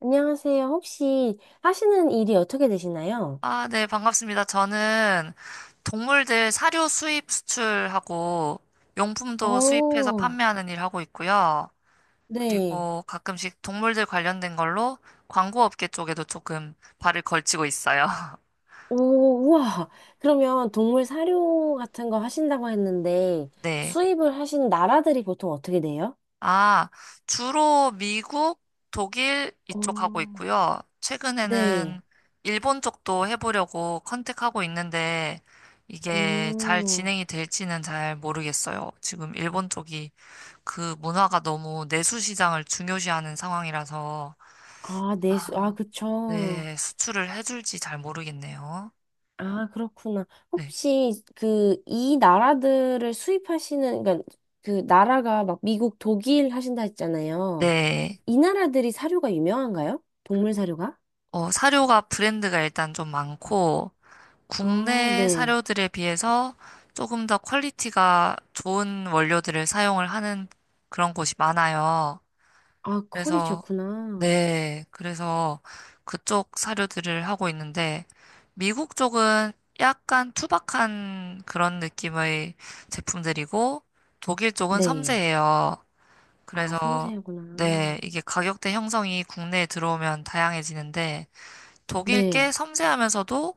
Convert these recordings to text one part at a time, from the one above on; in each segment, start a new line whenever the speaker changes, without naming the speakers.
안녕하세요. 혹시 하시는 일이 어떻게 되시나요?
아, 네, 반갑습니다. 저는 동물들 사료 수입 수출하고 용품도 수입해서
어,
판매하는 일 하고 있고요.
네.
그리고 가끔씩 동물들 관련된 걸로 광고 업계 쪽에도 조금 발을 걸치고 있어요.
오, 우와. 그러면 동물 사료 같은 거 하신다고 했는데
네.
수입을 하신 나라들이 보통 어떻게 돼요?
아, 주로 미국, 독일 이쪽 하고
어,
있고요. 최근에는
네.
일본 쪽도 해보려고 컨택하고 있는데 이게 잘
오,
진행이 될지는 잘 모르겠어요. 지금 일본 쪽이 그 문화가 너무 내수 시장을 중요시하는 상황이라서
아, 내수, 아,
아,
그쵸.
네, 수출을 해줄지 잘 모르겠네요.
아, 그렇구나.
네.
혹시 그 이 나라들을 수입하시는, 그러니까 그 나라가 막 미국, 독일 하신다 했잖아요.
네.
이 나라들이 사료가 유명한가요? 동물 사료가?
사료가 브랜드가 일단 좀 많고
아,
국내
네.
사료들에 비해서 조금 더 퀄리티가 좋은 원료들을 사용을 하는 그런 곳이 많아요.
아, 컬이
그래서
좋구나.
네, 그래서 그쪽 사료들을 하고 있는데, 미국 쪽은 약간 투박한 그런 느낌의 제품들이고, 독일 쪽은
네.
섬세해요.
아,
그래서,
섬세하구나.
네, 이게 가격대 형성이 국내에 들어오면 다양해지는데, 독일
네.
게 섬세하면서도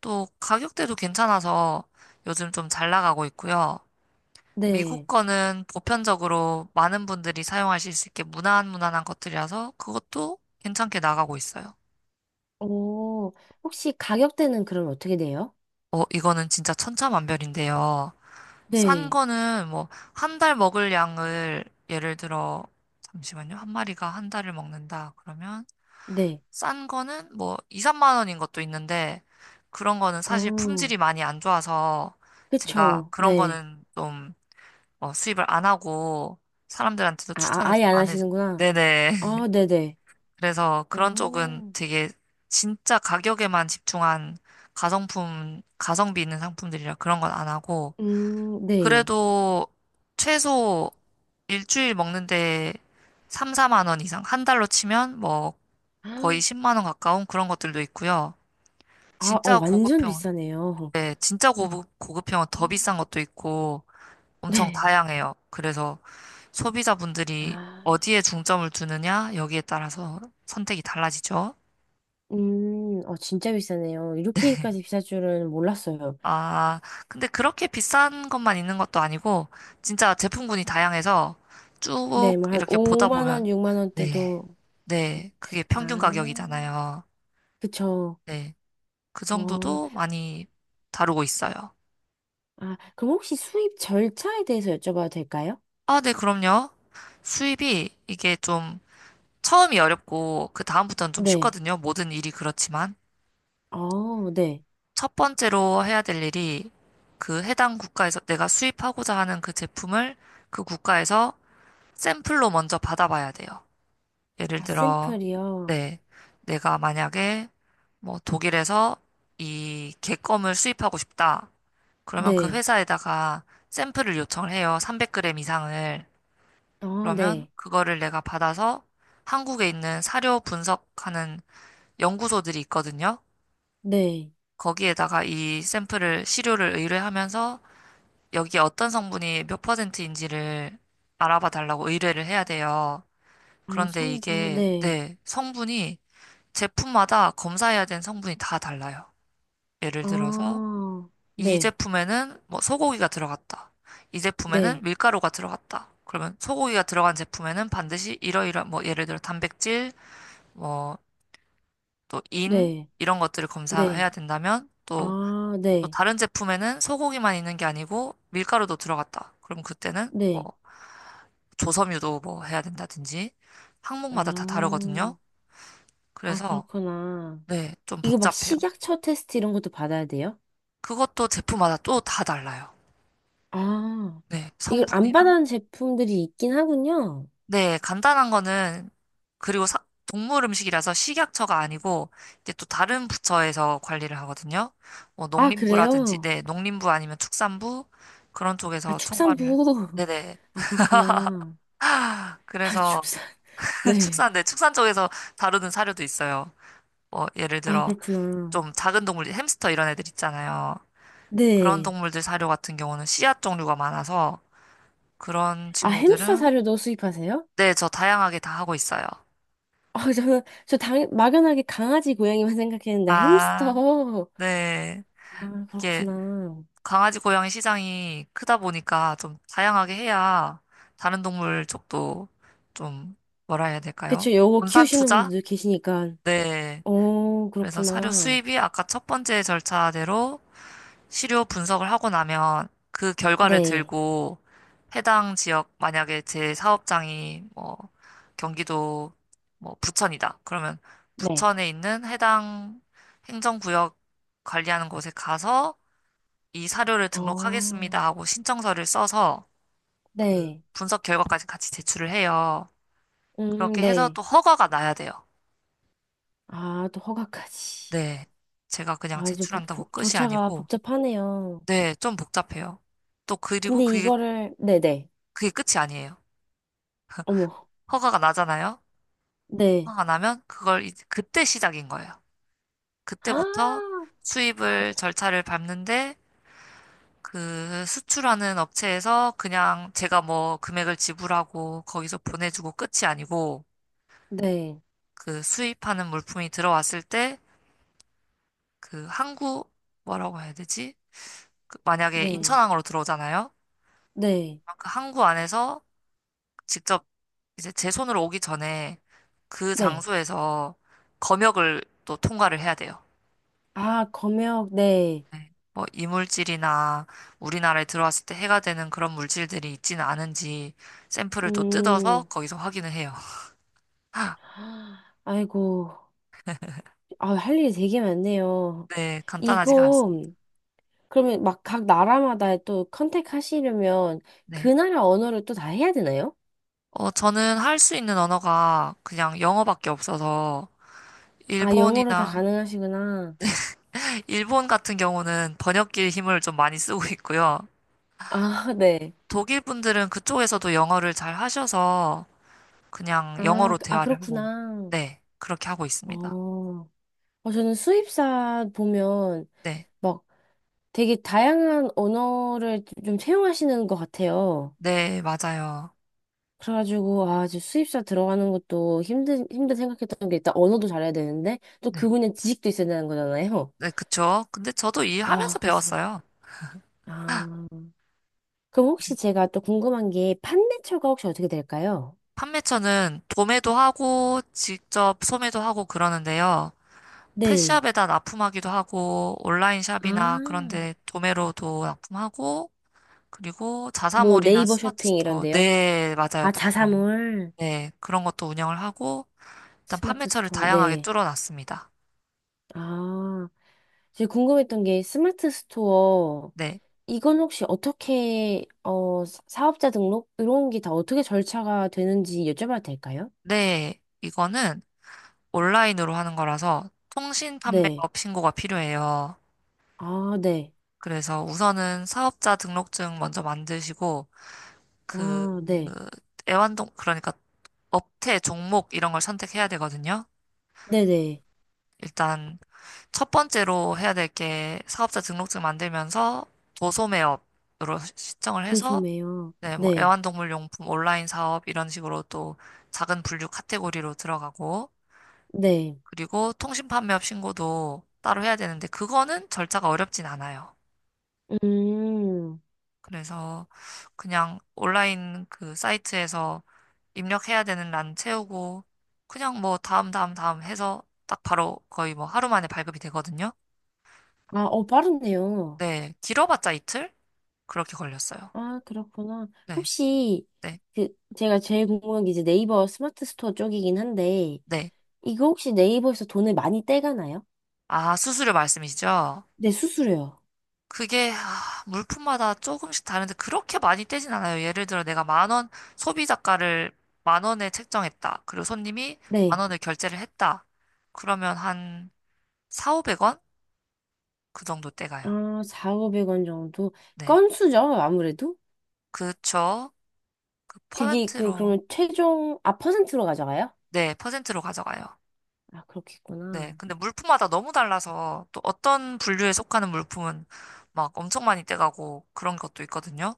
또 가격대도 괜찮아서 요즘 좀 잘 나가고 있고요. 미국
네.
거는 보편적으로 많은 분들이 사용하실 수 있게 무난무난한 것들이라서 그것도 괜찮게 나가고 있어요.
어, 혹시 가격대는 그럼 어떻게 돼요?
이거는 진짜 천차만별인데요. 싼
네.
거는 뭐, 한 달 먹을 양을 예를 들어, 잠시만요. 한 마리가 한 달을 먹는다. 그러면
네.
싼 거는 뭐, 2, 3만 원인 것도 있는데, 그런 거는 사실
어,
품질이 많이 안 좋아서 제가
그쵸.
그런
네.
거는 좀 수입을 안 하고 사람들한테도
아, 아,
추천을
아예
잘
안
안 해.
하시는구나.
네네.
아, 네네.
그래서 그런 쪽은
어,
되게 진짜 가격에만 집중한 가성품, 가성비 있는 상품들이라 그런 건 안 하고,
네.
그래도 최소 일주일 먹는데 3, 4만 원 이상, 한 달로 치면 뭐 거의 10만 원 가까운 그런 것들도 있고요.
아, 어,
진짜
완전
고급형,
비싸네요.
네, 진짜 고급형은 더 비싼 것도 있고 엄청
네.
다양해요. 그래서 소비자분들이
아,
어디에 중점을 두느냐, 여기에 따라서 선택이 달라지죠.
어, 진짜 비싸네요. 이렇게까지 비쌀 줄은 몰랐어요.
아, 근데 그렇게 비싼 것만 있는 것도 아니고, 진짜 제품군이 다양해서 쭉
네, 뭐 한
이렇게 보다
5만
보면,
원, 6만
네,
원대도
네, 그게 평균
아,
가격이잖아요.
그쵸.
네, 그
어,
정도도 많이 다루고 있어요.
아, 그럼 혹시 수입 절차에 대해서 여쭤봐도 될까요?
아, 네, 그럼요. 수입이 이게 좀 처음이 어렵고, 그 다음부터는 좀
네.
쉽거든요. 모든 일이 그렇지만.
어, 네.
첫 번째로 해야 될 일이 그 해당 국가에서 내가 수입하고자 하는 그 제품을 그 국가에서 샘플로 먼저 받아봐야 돼요. 예를
아,
들어,
샘플이요.
네, 내가 만약에 뭐 독일에서 이 개 껌을 수입하고 싶다. 그러면 그
네.
회사에다가 샘플을 요청을 해요. 300g 이상을.
어,
그러면
네.
그거를 내가 받아서 한국에 있는 사료 분석하는 연구소들이 있거든요.
네.
거기에다가 이 샘플을, 시료를 의뢰하면서 여기에 어떤 성분이 몇 퍼센트인지를 알아봐 달라고 의뢰를 해야 돼요.
아,
그런데
첨부.
이게,
네.
네, 성분이 제품마다 검사해야 되는 성분이 다 달라요. 예를 들어서
아,
이
네.
제품에는 뭐 소고기가 들어갔다. 이 제품에는
네.
밀가루가 들어갔다. 그러면 소고기가 들어간 제품에는 반드시 이러이러한 뭐 예를 들어 단백질, 뭐 또 인
네.
이런 것들을
네.
검사해야 된다면 또
아,
또
네.
다른 제품에는 소고기만 있는 게 아니고 밀가루도 들어갔다. 그럼 그때는 뭐
네.
조섬유도 뭐 해야 된다든지 항목마다 다
아,
다르거든요.
아,
그래서
그렇구나.
네, 좀
이거 막
복잡해요.
식약처 테스트 이런 것도 받아야 돼요?
그것도 제품마다 또 다 달라요.
아,
네,
이걸 안
성분이랑?
받아는 제품들이 있긴 하군요.
네, 간단한 거는, 그리고 동물 음식이라서 식약처가 아니고, 이제 또 다른 부처에서 관리를 하거든요. 뭐,
아,
농림부라든지,
그래요?
네, 농림부 아니면 축산부, 그런
아,
쪽에서 총괄을.
축산부.
네네.
아, 그렇구나. 아,
그래서,
축산. 네.
축산, 네, 축산 쪽에서 다루는 사료도 있어요. 뭐, 예를
아,
들어,
그렇구나.
좀 작은 동물, 햄스터 이런 애들 있잖아요. 그런
네.
동물들 사료 같은 경우는 씨앗 종류가 많아서, 그런
아, 햄스터
친구들은,
사료도 수입하세요?
네, 저 다양하게 다 하고 있어요.
아, 저는, 저 당, 막연하게 강아지, 고양이만 생각했는데,
아.
햄스터.
네,
아,
이게
그렇구나.
강아지 고양이 시장이 크다 보니까 좀 다양하게 해야 다른 동물 쪽도 좀 뭐라 해야 될까요?
그쵸, 요거
분산
키우시는
투자?
분들도 계시니까.
네.
오
그래서 사료
그렇구나.
수입이 아까 첫 번째 절차대로 시료 분석을 하고 나면 그 결과를
네.
들고 해당 지역 만약에 제 사업장이 뭐 경기도 뭐 부천이다. 그러면
네.
부천에 있는 해당 행정구역 관리하는 곳에 가서 이 사료를
어,
등록하겠습니다 하고 신청서를 써서 그
네.
분석 결과까지 같이 제출을 해요. 그렇게 해서
네.
또 허가가 나야 돼요.
아, 또 허가까지.
네. 제가 그냥
아, 이제 복,
제출한다고
복,
끝이
절차가
아니고,
복잡하네요.
네, 좀 복잡해요. 또 그리고
근데 이거를, 네네.
그게 끝이 아니에요.
어머,
허가가 나잖아요.
네.
허가가 나면 그걸 이제 그때 시작인 거예요. 그때부터
아,
수입을 절차를 밟는데 그 수출하는 업체에서 그냥 제가 뭐 금액을 지불하고 거기서 보내주고 끝이 아니고
네,
그 수입하는 물품이 들어왔을 때 그 항구 뭐라고 해야 되지? 그 만약에
네,
인천항으로 들어오잖아요.
네,
그 항구 안에서 직접 이제 제 손으로 오기 전에 그
네.
장소에서 검역을 또 통과를 해야 돼요.
아, 검역, 네.
네. 뭐 이물질이나 우리나라에 들어왔을 때 해가 되는 그런 물질들이 있지는 않은지 샘플을 또 뜯어서
음,
거기서 확인을 해요.
아이고. 아, 할 일이 되게 많네요.
네, 간단하지가
이거,
않습니다.
그러면 막 각 나라마다 또 컨택 하시려면 그
네.
나라 언어를 또 다 해야 되나요?
저는 할 수 있는 언어가 그냥 영어밖에 없어서
아, 영어로 다
일본이나,
가능하시구나.
일본 같은 경우는 번역기의 힘을 좀 많이 쓰고 있고요.
아, 네.
독일 분들은 그쪽에서도 영어를 잘 하셔서 그냥
아,
영어로
아,
대화를 하고,
그렇구나.
네, 그렇게 하고
어,
있습니다.
어, 저는 수입사 보면
네,
막 되게 다양한 언어를 좀 채용하시는 것 같아요.
네, 맞아요.
그래가지고, 아, 저 수입사 들어가는 것도 힘든, 힘든 생각했던 게 일단 언어도 잘해야 되는데, 또
네,
그분의 지식도 있어야 되는 거잖아요.
네, 그쵸. 근데 저도 일하면서
아, 그래서,
배웠어요.
아. 그럼 혹시 제가 또 궁금한 게 판매처가 혹시 어떻게 될까요?
판매처는 도매도 하고, 직접 소매도 하고 그러는데요.
네.
펫샵에다 납품하기도 하고, 온라인
아,
샵이나 그런 데 도매로도 납품하고, 그리고
뭐
자사몰이나
네이버
스마트
쇼핑
스토어.
이런데요?
네, 맞아요.
아,
딱 그런 거.
자사몰,
네, 그런 것도 운영을 하고, 일단
스마트
판매처를
스토어,
다양하게
네.
뚫어놨습니다.
아. 제가 궁금했던 게 스마트 스토어,
네.
이건 혹시 어떻게, 어, 사업자 등록? 이런 게 다 어떻게 절차가 되는지 여쭤봐도 될까요?
네, 이거는 온라인으로 하는 거라서 통신
네.
판매업 신고가 필요해요.
아, 네.
그래서 우선은 사업자 등록증 먼저 만드시고, 그,
아, 네.
그러니까 업태, 종목 이런 걸 선택해야 되거든요.
네네.
일단 첫 번째로 해야 될 게 사업자 등록증 만들면서 도소매업으로 신청을 해서
도소매요.
네, 뭐
네.
애완동물 용품 온라인 사업 이런 식으로 또 작은 분류 카테고리로 들어가고
네.
그리고 통신 판매업 신고도 따로 해야 되는데 그거는 절차가 어렵진 않아요.
음.
그래서 그냥 온라인 그 사이트에서 입력해야 되는 란 채우고 그냥 뭐 다음 다음 다음 해서 딱 바로 거의 뭐 하루 만에 발급이 되거든요.
아, 어, 빠르네요.
네, 길어봤자 이틀? 그렇게 걸렸어요.
아, 그렇구나.
네,
혹시,
네,
그, 제가 제일 궁금한 게 이제 네이버 스마트 스토어 쪽이긴 한데,
네.
이거 혹시 네이버에서 돈을 많이 떼가나요?
아, 수수료 말씀이시죠?
네, 수수료요.
그게, 아, 물품마다 조금씩 다른데 그렇게 많이 떼진 않아요. 예를 들어 내가 10,000원, 소비자가를 10,000원에 책정했다. 그리고 손님이 만
네.
원을 결제를 했다. 그러면 한 4, 500원? 그 정도 떼가요.
아, 4,500원 정도?
네.
건수죠, 아무래도?
그쵸. 그
그게 그,
퍼센트로,
그러면 최종, 아, 퍼센트로 가져가요?
네, 퍼센트로 가져가요.
아,
네.
그렇겠구나.
근데 물품마다 너무 달라서 또 어떤 분류에 속하는 물품은 막 엄청 많이 떼가고 그런 것도 있거든요.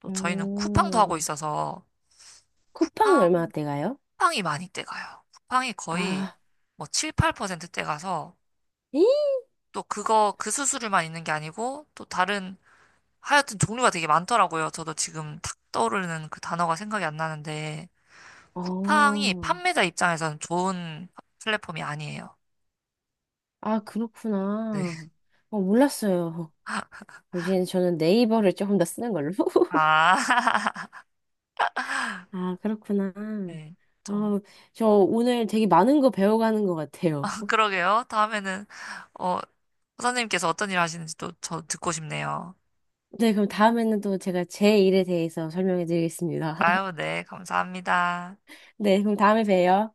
또 저희는 쿠팡도 하고
음,
있어서
쿠팡은
쿠팡,
얼마나 떼가요?
쿠팡이 많이 떼가요. 쿠팡이 거의
아,
뭐 7, 8%떼 가서
이?
또 그거 그 수수료만 있는 게 아니고 또 다른 하여튼 종류가 되게 많더라고요. 저도 지금 탁 떠오르는 그 단어가 생각이 안 나는데 쿠팡이
어,
판매자 입장에서는 좋은 플랫폼이 아니에요.
아,
네.
그렇구나. 어, 몰랐어요. 이제 저는 네이버를 조금 더 쓰는 걸로.
아,
아, 그렇구나.
네. 좀
어, 저 오늘 되게 많은 거 배워가는 것 같아요.
그러게요. 다음에는 어, 선생님께서 어떤 일 하시는지도 저 듣고 싶네요.
네, 그럼 다음에는 또 제가 제 일에 대해서 설명해 드리겠습니다.
아유, 네. 감사합니다.
네, 그럼 다음에 봬요.